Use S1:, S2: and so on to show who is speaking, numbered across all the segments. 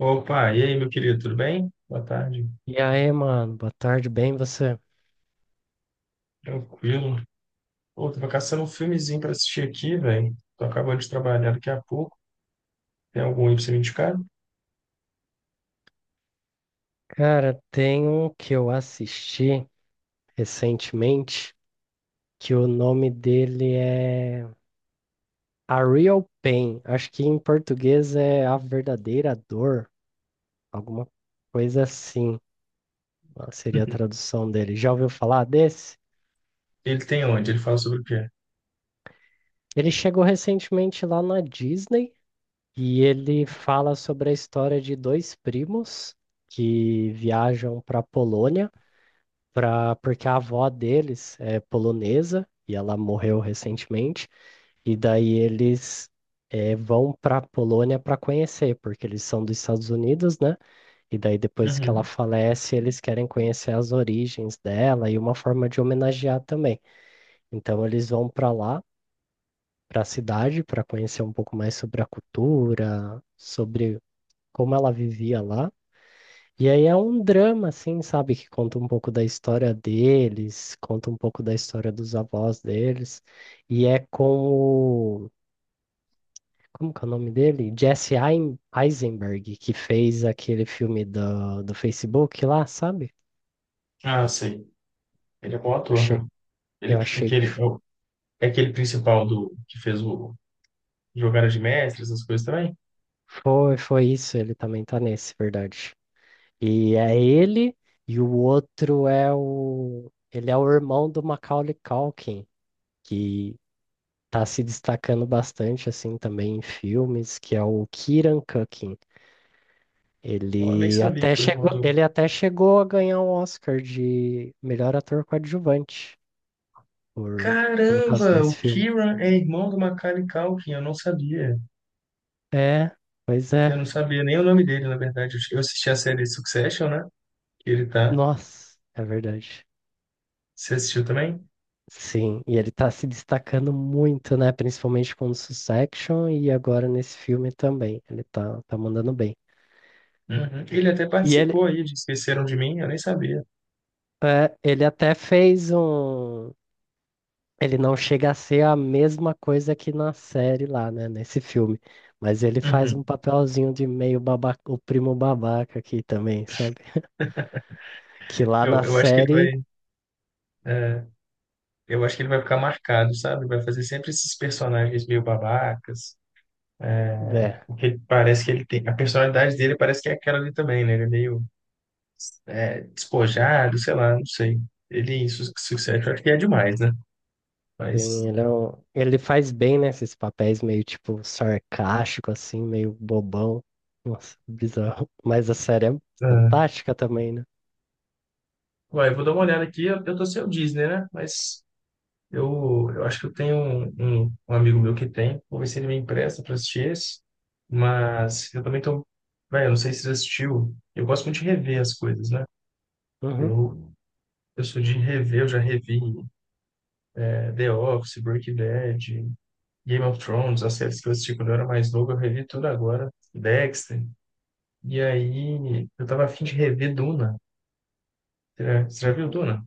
S1: Opa, e aí, meu querido, tudo bem? Boa tarde.
S2: E aí, mano, boa tarde, bem você?
S1: Tranquilo. Pô, tava caçando um filmezinho pra assistir aqui, velho. Tô acabando de trabalhar daqui a pouco. Tem algum aí pra você me indicar?
S2: Cara, tem um que eu assisti recentemente, que o nome dele é A Real Pain. Acho que em português é A Verdadeira Dor, alguma coisa assim, ah, seria a tradução dele. Já ouviu falar desse?
S1: Ele tem onde? Ele fala sobre o quê?
S2: Ele chegou recentemente lá na Disney e ele fala sobre a história de dois primos que viajam para Polônia porque a avó deles é polonesa e ela morreu recentemente, e daí eles vão para Polônia para conhecer, porque eles são dos Estados Unidos, né? E daí depois que ela
S1: Uhum.
S2: falece, eles querem conhecer as origens dela e uma forma de homenagear também. Então eles vão para lá, para a cidade, para conhecer um pouco mais sobre a cultura, sobre como ela vivia lá. E aí é um drama, assim, sabe? Que conta um pouco da história deles, conta um pouco da história dos avós deles. E é com o... Como que é o nome dele? Jesse Eisenberg, que fez aquele filme do Facebook lá, sabe?
S1: Ah, sei. Ele é bom ator,
S2: Achei,
S1: né? Ele,
S2: eu achei que
S1: aquele, é, o- É aquele principal do que fez o Jogada de Mestres, essas coisas também?
S2: foi isso. Ele também tá nesse, verdade. E é ele, e o outro é o... Ele é o irmão do Macaulay Culkin, que tá se destacando bastante assim também em filmes, que é o Kieran Culkin.
S1: Eu nem
S2: Ele
S1: sabia
S2: até
S1: que o irmão
S2: chegou,
S1: do...
S2: ele até chegou a ganhar o Oscar de melhor ator coadjuvante por, por causa
S1: Caramba,
S2: desse
S1: o
S2: filme.
S1: Kieran é irmão do Macaulay Culkin, eu não sabia.
S2: É, pois
S1: Eu
S2: é.
S1: não sabia nem o nome dele, na verdade. Eu assisti a série Succession, né? Que ele tá.
S2: Nossa, é verdade.
S1: Você assistiu também?
S2: Sim, e ele tá se destacando muito, né? Principalmente com o Succession e agora nesse filme também. Ele tá mandando bem.
S1: Uhum. Ele até
S2: E ele,
S1: participou aí de Esqueceram de Mim, eu nem sabia.
S2: é, ele até fez um, Ele não chega a ser a mesma coisa que na série lá, né? Nesse filme. Mas ele faz
S1: Uhum.
S2: um papelzinho de meio babaca, o primo babaca aqui também, sabe? Que lá
S1: Eu,
S2: na
S1: eu acho que
S2: série,
S1: é, eu acho que ele vai ficar marcado, sabe? Vai fazer sempre esses personagens meio babacas,
S2: né?
S1: porque parece que ele tem, a personalidade dele parece que é aquela ali também, né? Ele é meio, despojado, sei lá, não sei. Ele, su Sucesso, acho que é demais, né? Mas,
S2: Ele faz bem, né? Esses papéis meio tipo sarcástico, assim, meio bobão. Nossa, bizarro. Mas a série é
S1: é.
S2: fantástica também, né?
S1: Ué, eu vou dar uma olhada aqui, eu tô sem o Disney, né? Mas eu acho que eu tenho um amigo meu que tem, vou ver se ele me empresta para assistir esse, mas eu também tô, velho, eu não sei se você assistiu, eu gosto muito de rever as coisas, né?
S2: Uhum.
S1: Eu, eu sou de rever, eu já revi The Office, Breaking Bad, Game of Thrones, as séries que eu assisti quando eu era mais novo, eu revi tudo agora, Dexter, e aí eu tava afim de rever Duna, você já viu
S2: Uhum.
S1: Duna?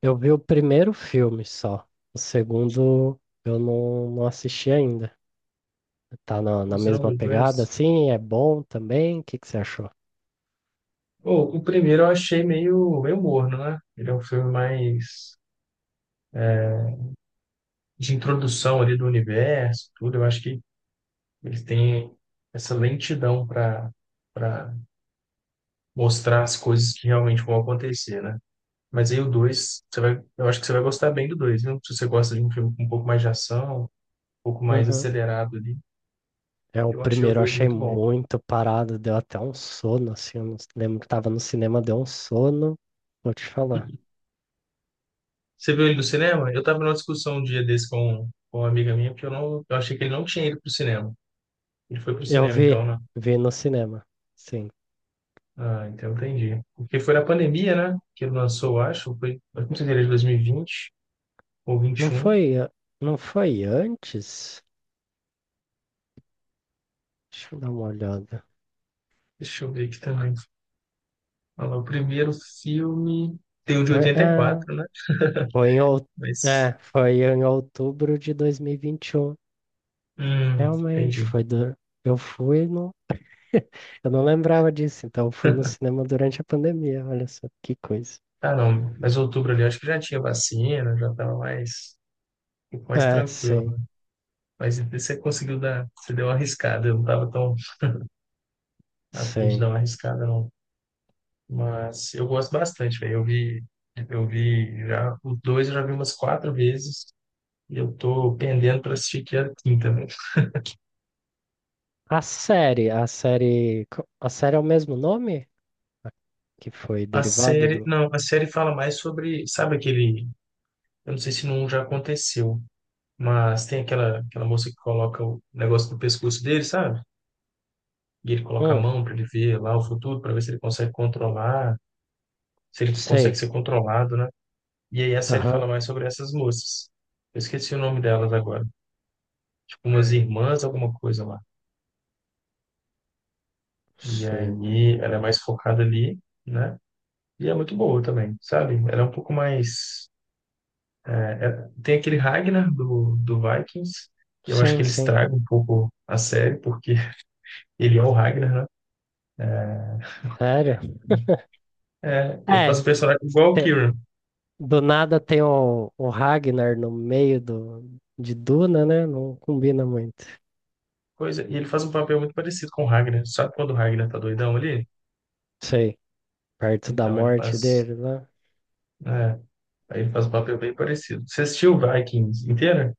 S2: Eu vi o primeiro filme só. O segundo eu não assisti ainda. Tá na,
S1: Ou
S2: na
S1: você não
S2: mesma
S1: viu
S2: pegada,
S1: dois?
S2: assim, é bom também? O que que você achou?
S1: Pô, o primeiro eu achei meio morno, né? Ele é um filme mais de introdução ali do universo, tudo, eu acho que eles têm essa lentidão para mostrar as coisas que realmente vão acontecer, né? Mas aí o 2 você vai, eu acho que você vai gostar bem do dois viu? Se você gosta de um filme com um pouco mais de ação, um pouco mais
S2: Uhum.
S1: acelerado ali,
S2: É, o
S1: eu achei o
S2: primeiro eu
S1: 2
S2: achei
S1: muito bom.
S2: muito parado, deu até um sono, assim, eu não lembro que tava no cinema, deu um sono, vou te falar.
S1: Você viu ele do cinema? Eu tava numa discussão um dia desse com uma amiga minha, porque eu achei que ele não tinha ido pro cinema. Ele foi pro
S2: Eu
S1: cinema, então,
S2: vi,
S1: né?
S2: vi no cinema, sim.
S1: Ah, então entendi. Porque foi na pandemia, né? Que ele lançou, eu acho. Foi, eu não sei se ele é de 2020 ou
S2: Não
S1: 21.
S2: foi, a- não foi antes? Deixa eu dar uma olhada.
S1: Deixa eu ver aqui também. Olha lá, o primeiro filme tem o de
S2: Foi, é,
S1: 84, né?
S2: foi em, out-
S1: Mas.
S2: é, foi em outubro de 2021, realmente,
S1: Entendi.
S2: eu fui Eu não lembrava disso, então fui no cinema durante a pandemia, olha só que coisa.
S1: Ah, não. Mas outubro ali, eu acho que já tinha vacina, já tava mais, um pouco mais
S2: É,
S1: tranquilo,
S2: sim,
S1: né? Mas você conseguiu dar. Você deu uma arriscada. Eu não tava tão afim de
S2: sim.
S1: dar uma arriscada, não. Mas eu gosto bastante, velho. Eu vi. Eu vi já. O dois eu já vi umas quatro vezes. E eu tô pendendo para assistir que é a quinta, né?
S2: A série é o mesmo nome? A Que foi
S1: A
S2: derivada
S1: série,
S2: do.
S1: não, a série fala mais sobre, sabe aquele, eu não sei se não já aconteceu, mas tem aquela moça que coloca o negócio no pescoço dele, sabe? E ele coloca a
S2: Hum,
S1: mão para ele ver lá o futuro, para ver se ele consegue controlar, se ele consegue
S2: sei.
S1: ser controlado, né? E aí a série fala
S2: Aham.
S1: mais sobre essas moças. Eu esqueci o nome delas agora. Tipo umas
S2: Hum,
S1: irmãs, alguma coisa lá. E
S2: sei.
S1: aí ela é mais focada ali, né? E é muito boa também, sabe? Ela é um pouco mais. Tem aquele Ragnar do Vikings, e eu acho
S2: Sim,
S1: que ele
S2: sim.
S1: estraga um pouco a série, porque ele é o Ragnar, né?
S2: Sério?
S1: É, ele
S2: É,
S1: faz um personagem igual o
S2: tem-
S1: Kieran.
S2: do nada tem o Ragnar no meio de Duna, né? Não combina muito.
S1: Coisa, e ele faz um papel muito parecido com o Ragnar. Sabe quando o Ragnar tá doidão ali?
S2: Sei, perto da
S1: Então, ele
S2: morte
S1: faz.
S2: dele, né?
S1: É, aí ele faz um papel bem parecido. Você assistiu Vikings inteira?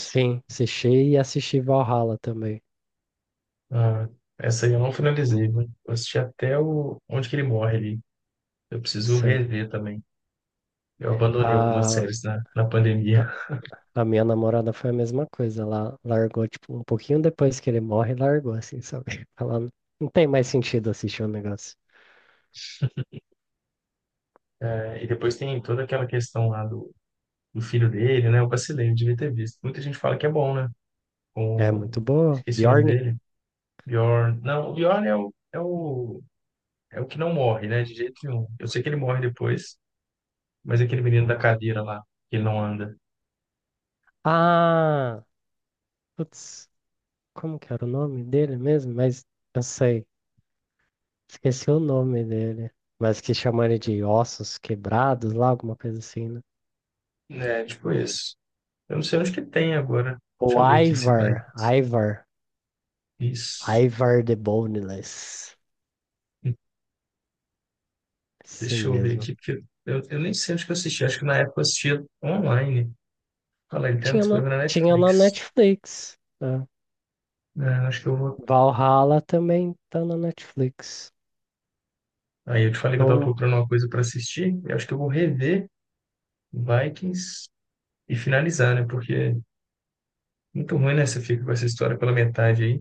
S2: Sim, assisti e assisti Valhalla também.
S1: Ah, essa aí eu não finalizei, né? Eu assisti até o, onde que ele morre ali. Eu preciso
S2: Sei.
S1: rever também. Eu abandonei algumas
S2: A,
S1: séries na
S2: a,
S1: pandemia.
S2: a minha namorada foi a mesma coisa. Ela largou, tipo, um pouquinho depois que ele morre, largou, assim, sabe? Não tem mais sentido assistir o negócio.
S1: É, e depois tem toda aquela questão lá do filho dele, né? Eu vacilei, eu devia ter visto. Muita gente fala que é bom, né?
S2: É
S1: Com...
S2: muito boa.
S1: Esqueci o nome
S2: Bjorn?
S1: dele. Bjorn. Não, o Bjorn é é o que não morre, né? De jeito nenhum. Eu sei que ele morre depois, mas é aquele menino da cadeira lá, que ele não anda.
S2: Ah! Putz, como que era o nome dele mesmo? Mas eu sei. Esqueci o nome dele. Mas que chamam ele de ossos quebrados lá, alguma coisa assim, né?
S1: É, tipo isso. Eu não sei onde que tem agora.
S2: O
S1: Deixa eu ver aqui se vai.
S2: Ivar. Ivar.
S1: Isso.
S2: Ivar the Boneless. Esse
S1: Deixa eu ver
S2: mesmo.
S1: aqui, porque eu nem sei onde que eu assisti. Acho que na época eu assistia online. Olha lá, ele tem
S2: Tinha na,
S1: disponível na
S2: tinha na
S1: Netflix.
S2: Netflix, né?
S1: É, acho que eu vou.
S2: Valhalla também tá na Netflix.
S1: Aí eu te falei que eu tava
S2: Não
S1: procurando uma coisa para assistir, e acho que eu vou rever Vikings e finalizar, né? Porque é muito ruim, né? Você fica com essa história pela metade aí.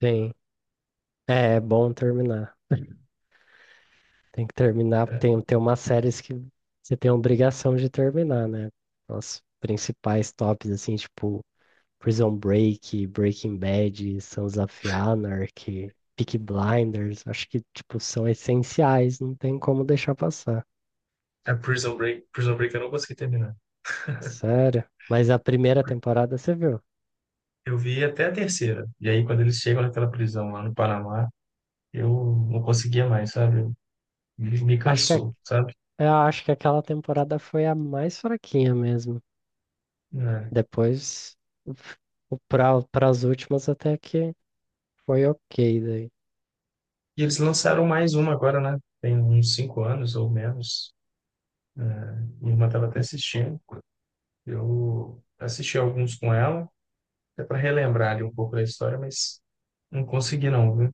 S2: tem. É bom terminar. Tem que terminar.
S1: Né?
S2: Tem umas séries que você tem a obrigação de terminar, né? Os principais tops, assim, tipo Prison Break, Breaking Bad, Sons of Anarchy, Peaky Blinders. Acho que, tipo, são essenciais. Não tem como deixar passar.
S1: A Prison Break eu não consegui terminar.
S2: Sério. Mas a primeira temporada você viu?
S1: Eu vi até a terceira, e aí quando eles chegam naquela prisão lá no Panamá, eu não conseguia mais, sabe? Me
S2: Acho que a
S1: cansou, sabe?
S2: Eu acho que aquela temporada foi a mais fraquinha mesmo.
S1: Né?
S2: Depois, para as últimas até que foi ok daí.
S1: E eles lançaram mais uma agora, né? Tem uns cinco anos ou menos. Né? Minha irmã estava até assistindo. Eu assisti alguns com ela, é para relembrar ali um pouco da história, mas não consegui não, viu?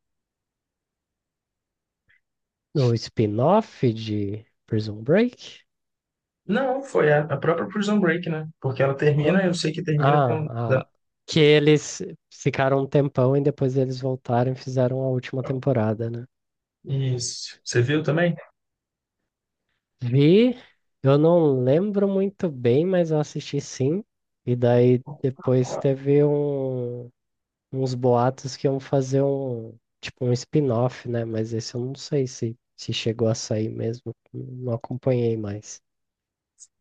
S2: No spin-off de Prison Break?
S1: Não, foi a própria Prison Break, né? Porque ela
S2: Ah,
S1: termina, eu sei que termina com... da-.
S2: ah, ah, que eles ficaram um tempão e depois eles voltaram e fizeram a última temporada, né?
S1: Isso. Você viu também?
S2: Vi, eu não lembro muito bem, mas eu assisti sim. E daí depois teve uns boatos que iam fazer um, tipo, um spin-off, né? Mas esse eu não sei se chegou a sair mesmo. Não acompanhei mais.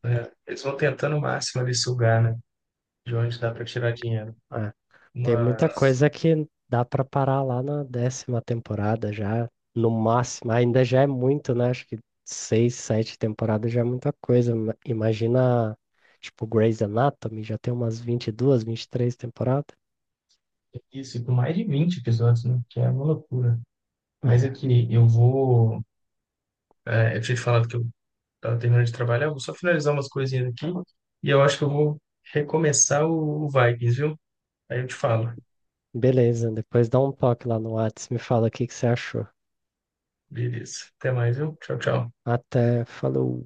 S1: É, eles vão tentando o máximo ali sugar, né? De onde dá para tirar dinheiro.
S2: Ah, tem muita
S1: Mas...
S2: coisa que dá pra parar lá na décima temporada já, no máximo. Ainda já é muito, né? Acho que seis, sete temporadas já é muita coisa. Imagina, tipo, Grey's Anatomy, já tem umas 20, 22, 23 temporadas.
S1: Isso, e com mais de 20 episódios, né? Que é uma loucura. Mas aqui, eu tinha te falado que eu tava terminando de trabalhar, eu vou só finalizar umas coisinhas aqui e eu acho que eu vou recomeçar o Vikings, viu? Aí eu te falo.
S2: Beleza, depois dá um toque lá no Whats, me fala o que que você achou.
S1: Beleza. Até mais, viu? Tchau, tchau.
S2: Até, falou.